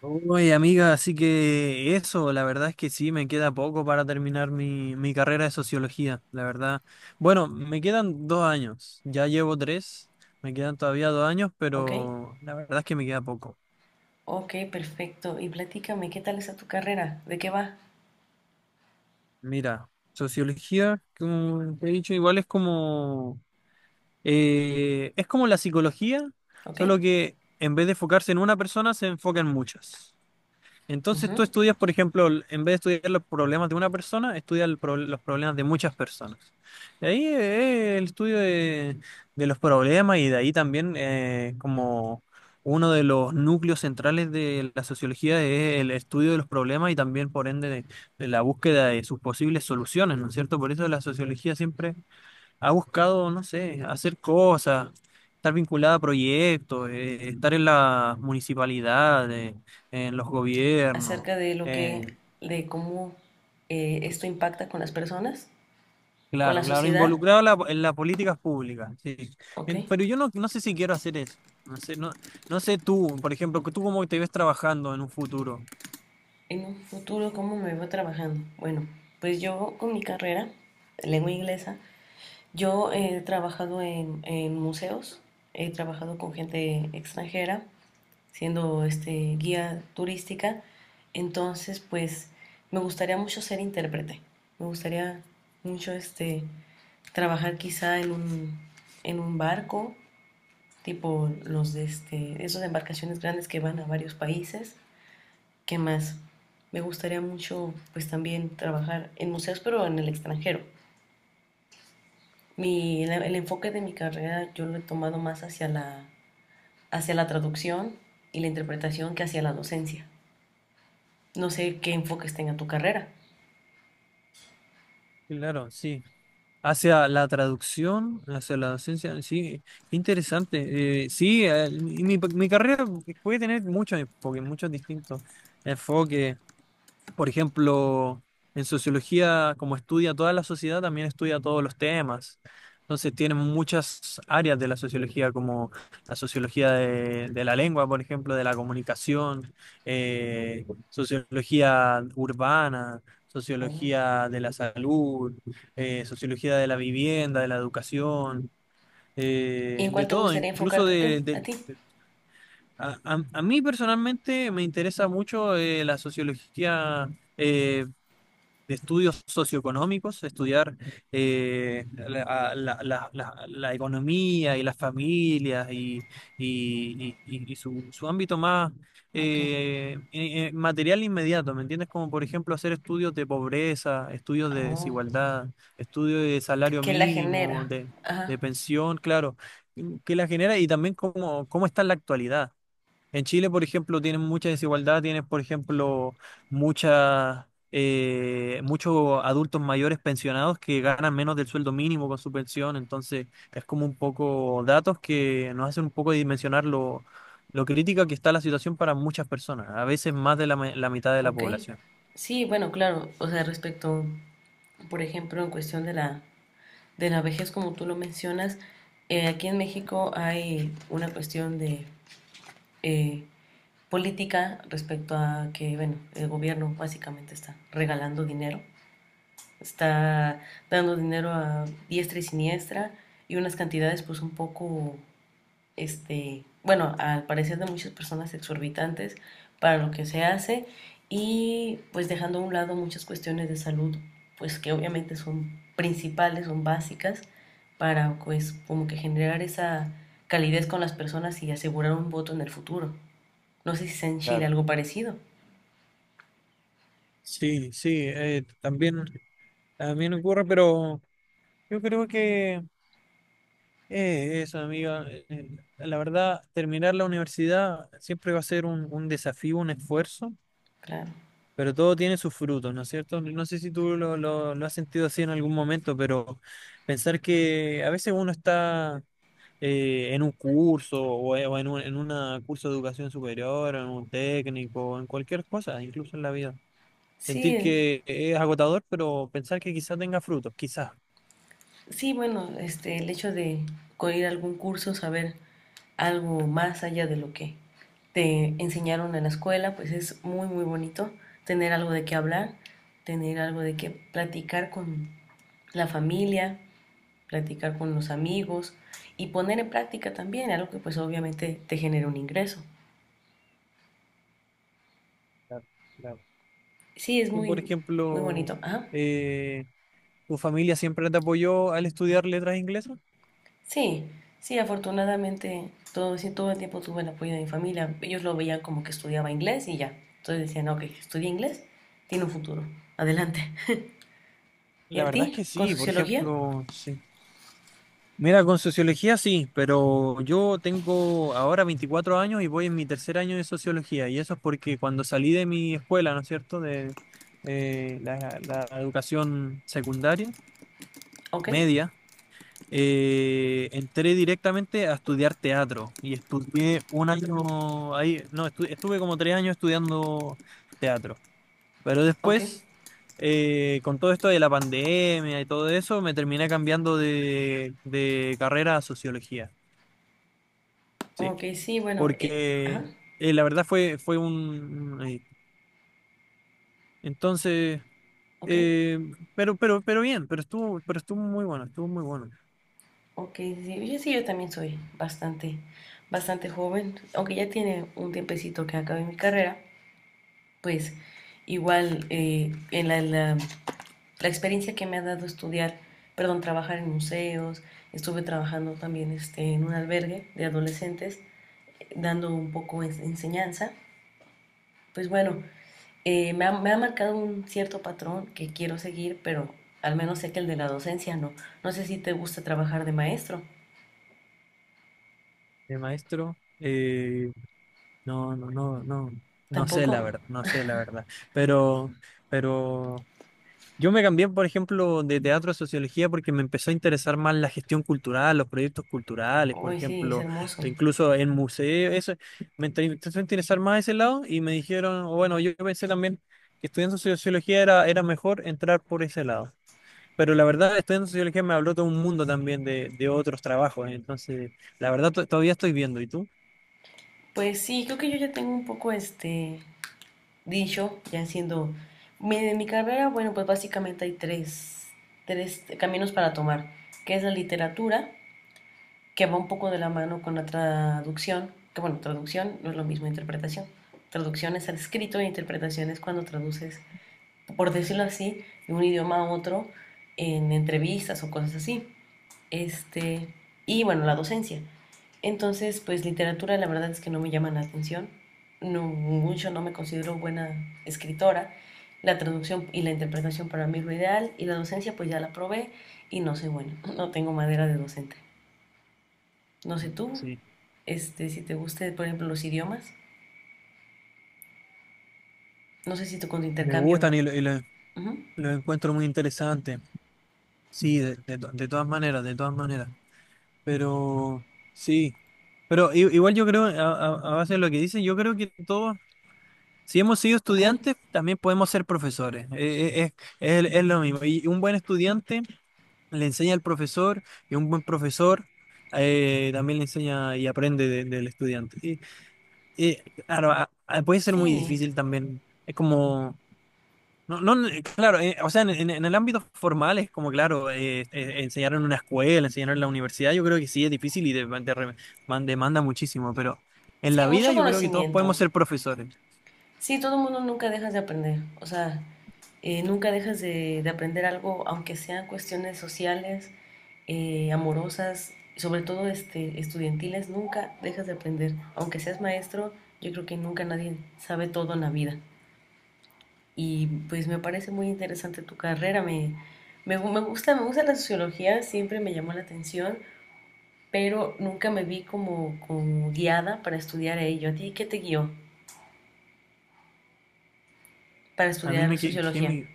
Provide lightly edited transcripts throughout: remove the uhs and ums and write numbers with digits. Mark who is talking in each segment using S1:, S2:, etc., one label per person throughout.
S1: Oye, amiga, así que eso, la verdad es que sí, me queda poco para terminar mi carrera de sociología, la verdad. Bueno, me quedan 2 años, ya llevo tres, me quedan todavía 2 años,
S2: Ok,
S1: pero la verdad es que me queda poco.
S2: ok, perfecto. Y platícame, ¿qué tal está tu carrera? ¿De qué va?
S1: Mira, sociología, como te he dicho, igual es como la psicología,
S2: Ok,
S1: solo que en vez de enfocarse en una persona, se enfoca en muchas. Entonces tú
S2: ujú.
S1: estudias, por ejemplo, en vez de estudiar los problemas de una persona, estudias los problemas de muchas personas. Y ahí el estudio de, los problemas, y de ahí también, como uno de los núcleos centrales de la sociología es el estudio de los problemas y también, por ende, de la búsqueda de sus posibles soluciones, ¿no es cierto? Por eso la sociología siempre ha buscado, no sé, hacer cosas, estar vinculada a proyectos, estar en las municipalidades, en los gobiernos,
S2: Acerca de lo que,
S1: eh,
S2: de cómo esto impacta con las personas, con la
S1: claro, claro,
S2: sociedad.
S1: involucrada en en las políticas públicas, sí.
S2: Ok,
S1: Pero yo no sé si quiero hacer eso. No sé, no, no sé tú, por ejemplo, que tú cómo te ves trabajando en un futuro.
S2: en un futuro, ¿cómo me veo trabajando? Bueno, pues yo con mi carrera, lengua inglesa, yo he trabajado en museos, he trabajado con gente extranjera, siendo este, guía turística. Entonces, pues me gustaría mucho ser intérprete. Me gustaría mucho este, trabajar quizá en un barco, tipo los de este, esas embarcaciones grandes que van a varios países. ¿Qué más? Me gustaría mucho pues también trabajar en museos, pero en el extranjero. El enfoque de mi carrera yo lo he tomado más hacia la traducción y la interpretación que hacia la docencia. No sé qué enfoques tenga tu carrera.
S1: Claro, sí. Hacia la traducción, hacia la docencia, sí, qué interesante. Sí, mi carrera puede tener muchos enfoques, muchos distintos enfoques. Por ejemplo, en sociología, como estudia toda la sociedad, también estudia todos los temas. Entonces, tienen muchas áreas de la sociología, como la sociología de, la lengua, por ejemplo, de la comunicación, sociología urbana,
S2: Oh.
S1: sociología de la salud, sociología de la vivienda, de la educación,
S2: ¿Y en cuál
S1: de
S2: te
S1: todo,
S2: gustaría
S1: incluso
S2: enfocarte tú, a ti?
S1: a mí personalmente me interesa mucho, la sociología, eh, de estudios socioeconómicos, estudiar, la, la economía y las familias, y su ámbito más,
S2: Ok.
S1: material inmediato, ¿me entiendes? Como por ejemplo, hacer estudios de pobreza, estudios de
S2: Oh.
S1: desigualdad, estudios de salario
S2: ¿Qué la
S1: mínimo,
S2: genera?
S1: de,
S2: Ajá.
S1: pensión, claro, que la genera y también cómo está en la actualidad. En Chile, por ejemplo, tienen mucha desigualdad, tienes, por ejemplo, muchas, muchos adultos mayores pensionados que ganan menos del sueldo mínimo con su pensión. Entonces es como un poco, datos que nos hacen un poco dimensionar lo crítica que está la situación para muchas personas, a veces más de la mitad de la
S2: Ok.
S1: población.
S2: Sí, bueno, claro. O sea, respecto, por ejemplo, en cuestión de la vejez, como tú lo mencionas, aquí en México hay una cuestión de eh, política respecto a que, bueno, el gobierno básicamente está dando dinero a diestra y siniestra y unas cantidades pues un poco, este, bueno, al parecer de muchas personas exorbitantes para lo que se hace y pues dejando a un lado muchas cuestiones de salud pues que obviamente son principales, son básicas para pues como que generar esa calidez con las personas y asegurar un voto en el futuro. No sé si sea en Chile
S1: Claro.
S2: algo parecido.
S1: Sí, sí, también, ocurre, pero yo creo que. Eso, amiga. La verdad, terminar la universidad siempre va a ser un desafío, un esfuerzo,
S2: Claro.
S1: pero todo tiene sus frutos, ¿no es cierto? No sé si tú lo, lo has sentido así en algún momento, pero pensar que a veces uno está, en un curso o en un en una curso de educación superior, en un técnico, en cualquier cosa, incluso en la vida. Sentir
S2: Sí,
S1: que es agotador, pero pensar que quizás tenga frutos, quizás.
S2: sí, bueno, este, el hecho de ir a algún curso, saber algo más allá de lo que te enseñaron en la escuela, pues es muy, muy bonito tener algo de qué hablar, tener algo de qué platicar con la familia, platicar con los amigos y poner en práctica también algo que pues obviamente te genera un ingreso.
S1: Claro, claro.
S2: Sí, es
S1: Tú, por
S2: muy, muy
S1: ejemplo.
S2: bonito. Ajá.
S1: eh, ¿Tu familia siempre te apoyó al estudiar letras inglesas?
S2: Sí, sí, afortunadamente todo, sí, todo el tiempo tuve el apoyo de mi familia. Ellos lo veían como que estudiaba inglés y ya. Entonces decían, ok, estudia inglés, tiene un futuro, adelante. ¿Y
S1: La
S2: a
S1: verdad es
S2: ti?
S1: que
S2: ¿Con
S1: sí, por
S2: sociología?
S1: ejemplo, sí. Mira, con sociología sí, pero yo tengo ahora 24 años y voy en mi tercer año de sociología, y eso es porque cuando salí de mi escuela, ¿no es cierto?, de, la educación secundaria,
S2: Ok,
S1: media, entré directamente a estudiar teatro y estudié un año ahí, no, estuve como 3 años estudiando teatro. Pero
S2: ok,
S1: después, con todo esto de la pandemia y todo eso, me terminé cambiando de, carrera a sociología. Sí,
S2: ok, sí, bueno,
S1: porque,
S2: ajá,
S1: la verdad, fue Entonces,
S2: ok,
S1: eh, pero bien, pero estuvo muy bueno, estuvo muy bueno.
S2: ok, sí, yo, sí, yo también soy bastante, bastante joven, aunque ya tiene un tiempecito que acabé mi carrera, pues igual en la experiencia que me ha dado estudiar, perdón, trabajar en museos, estuve trabajando también este, en un albergue de adolescentes, dando un poco de enseñanza, pues bueno, me ha marcado un cierto patrón que quiero seguir, pero al menos sé que el de la docencia no. No sé si te gusta trabajar de maestro,
S1: El maestro, no, no, no, no, no sé la
S2: tampoco.
S1: verdad, no sé la verdad. Pero, pero Yo me cambié, por ejemplo, de teatro a sociología porque me empezó a interesar más la gestión cultural, los proyectos culturales, por
S2: Uy, sí, es
S1: ejemplo,
S2: hermoso.
S1: e incluso en museos, eso. Empezó a interesar más ese lado y me dijeron, o bueno, yo pensé también que estudiando sociología era mejor entrar por ese lado. Pero la verdad, estudiando sociología me habló todo un mundo también de, otros trabajos. Entonces, la verdad, todavía estoy viendo. ¿Y tú?
S2: Pues sí, creo que yo ya tengo un poco este dicho, ya siendo en mi carrera, bueno, pues básicamente hay tres caminos para tomar, que es la literatura, que va un poco de la mano con la traducción, que bueno, traducción no es lo mismo interpretación. Traducción es al escrito e interpretación es cuando traduces, por decirlo así, de un idioma a otro en entrevistas o cosas así. Este, y bueno, la docencia, entonces, pues literatura la verdad es que no me llama la atención. No, mucho no me considero buena escritora. La traducción y la interpretación para mí es lo ideal. Y la docencia pues ya la probé y no soy buena. No tengo madera de docente. No sé tú,
S1: Sí.
S2: este, si te guste, por ejemplo, los idiomas. No sé si tú con tu
S1: Me
S2: intercambio.
S1: gustan y
S2: Ujú,
S1: los encuentro muy interesantes. Sí, de todas maneras, de todas maneras. Pero sí, igual yo creo, a base de lo que dicen, yo creo que todos, si hemos sido
S2: ok.
S1: estudiantes, también podemos ser profesores. Es lo mismo. Y un buen estudiante le enseña al profesor, y un buen profesor, también le enseña y aprende del estudiante. Y, claro, puede ser muy
S2: Sí,
S1: difícil también. Es como. No, no, claro, o sea, en, en el ámbito formal es como, claro, enseñar en una escuela, enseñar en la universidad, yo creo que sí es difícil y demanda muchísimo, pero en
S2: sí,
S1: la vida
S2: mucho
S1: yo creo que todos
S2: conocimiento.
S1: podemos ser profesores.
S2: Sí, todo el mundo nunca dejas de aprender. O sea, nunca dejas de aprender algo, aunque sean cuestiones sociales amorosas, sobre todo este, estudiantiles, nunca dejas de aprender. Aunque seas maestro, yo creo que nunca nadie sabe todo en la vida. Y pues me parece muy interesante tu carrera, me gusta la sociología, siempre me llamó la atención, pero nunca me vi como, guiada para estudiar ello. ¿A ti qué te guió para
S1: A mí
S2: estudiar
S1: me,
S2: sociología?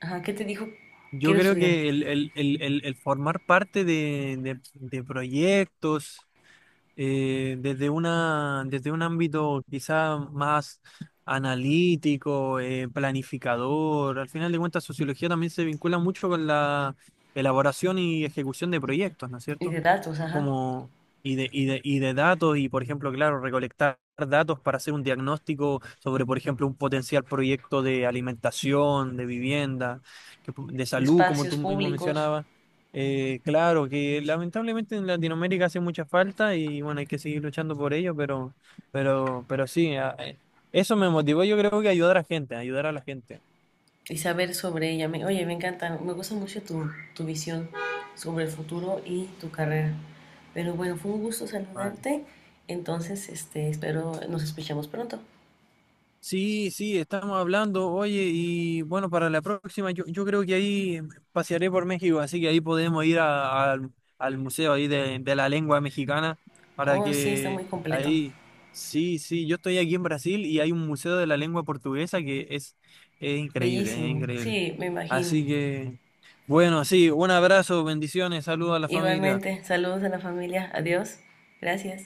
S2: Ajá, ¿qué te dijo
S1: yo
S2: quiero
S1: creo
S2: estudiar?
S1: que el formar parte de, de proyectos, desde desde un ámbito quizá más analítico, planificador. Al final de cuentas, sociología también se vincula mucho con la elaboración y ejecución de proyectos, ¿no es
S2: Y
S1: cierto?
S2: de datos, ajá,
S1: Como, y de datos, y por ejemplo, claro, recolectar datos para hacer un diagnóstico sobre, por ejemplo, un potencial proyecto de alimentación, de vivienda, de
S2: de
S1: salud, como
S2: espacios
S1: tú mismo
S2: públicos.
S1: mencionabas. Claro, que lamentablemente en Latinoamérica hace mucha falta y, bueno, hay que seguir luchando por ello, pero, sí, eso me motivó, yo creo que, ayudar a la gente, ayudar a la gente.
S2: Y saber sobre ella. Oye, me encanta, me gusta mucho tu, visión sobre el futuro y tu carrera. Pero bueno, fue un gusto
S1: Vale.
S2: saludarte. Entonces, este, espero nos escuchamos pronto.
S1: Sí, sí, estamos hablando, oye, y bueno, para la próxima yo, creo que ahí pasearé por México, así que ahí podemos ir al museo ahí de la lengua mexicana para
S2: Oh, sí, está muy
S1: que
S2: completo.
S1: ahí. Sí, sí, yo estoy aquí en Brasil, y hay un museo de la lengua portuguesa que es increíble, es
S2: Bellísimo.
S1: increíble.
S2: Sí, me imagino.
S1: Así que, bueno, sí, un abrazo, bendiciones, saludos a la familia.
S2: Igualmente, saludos a la familia. Adiós. Gracias.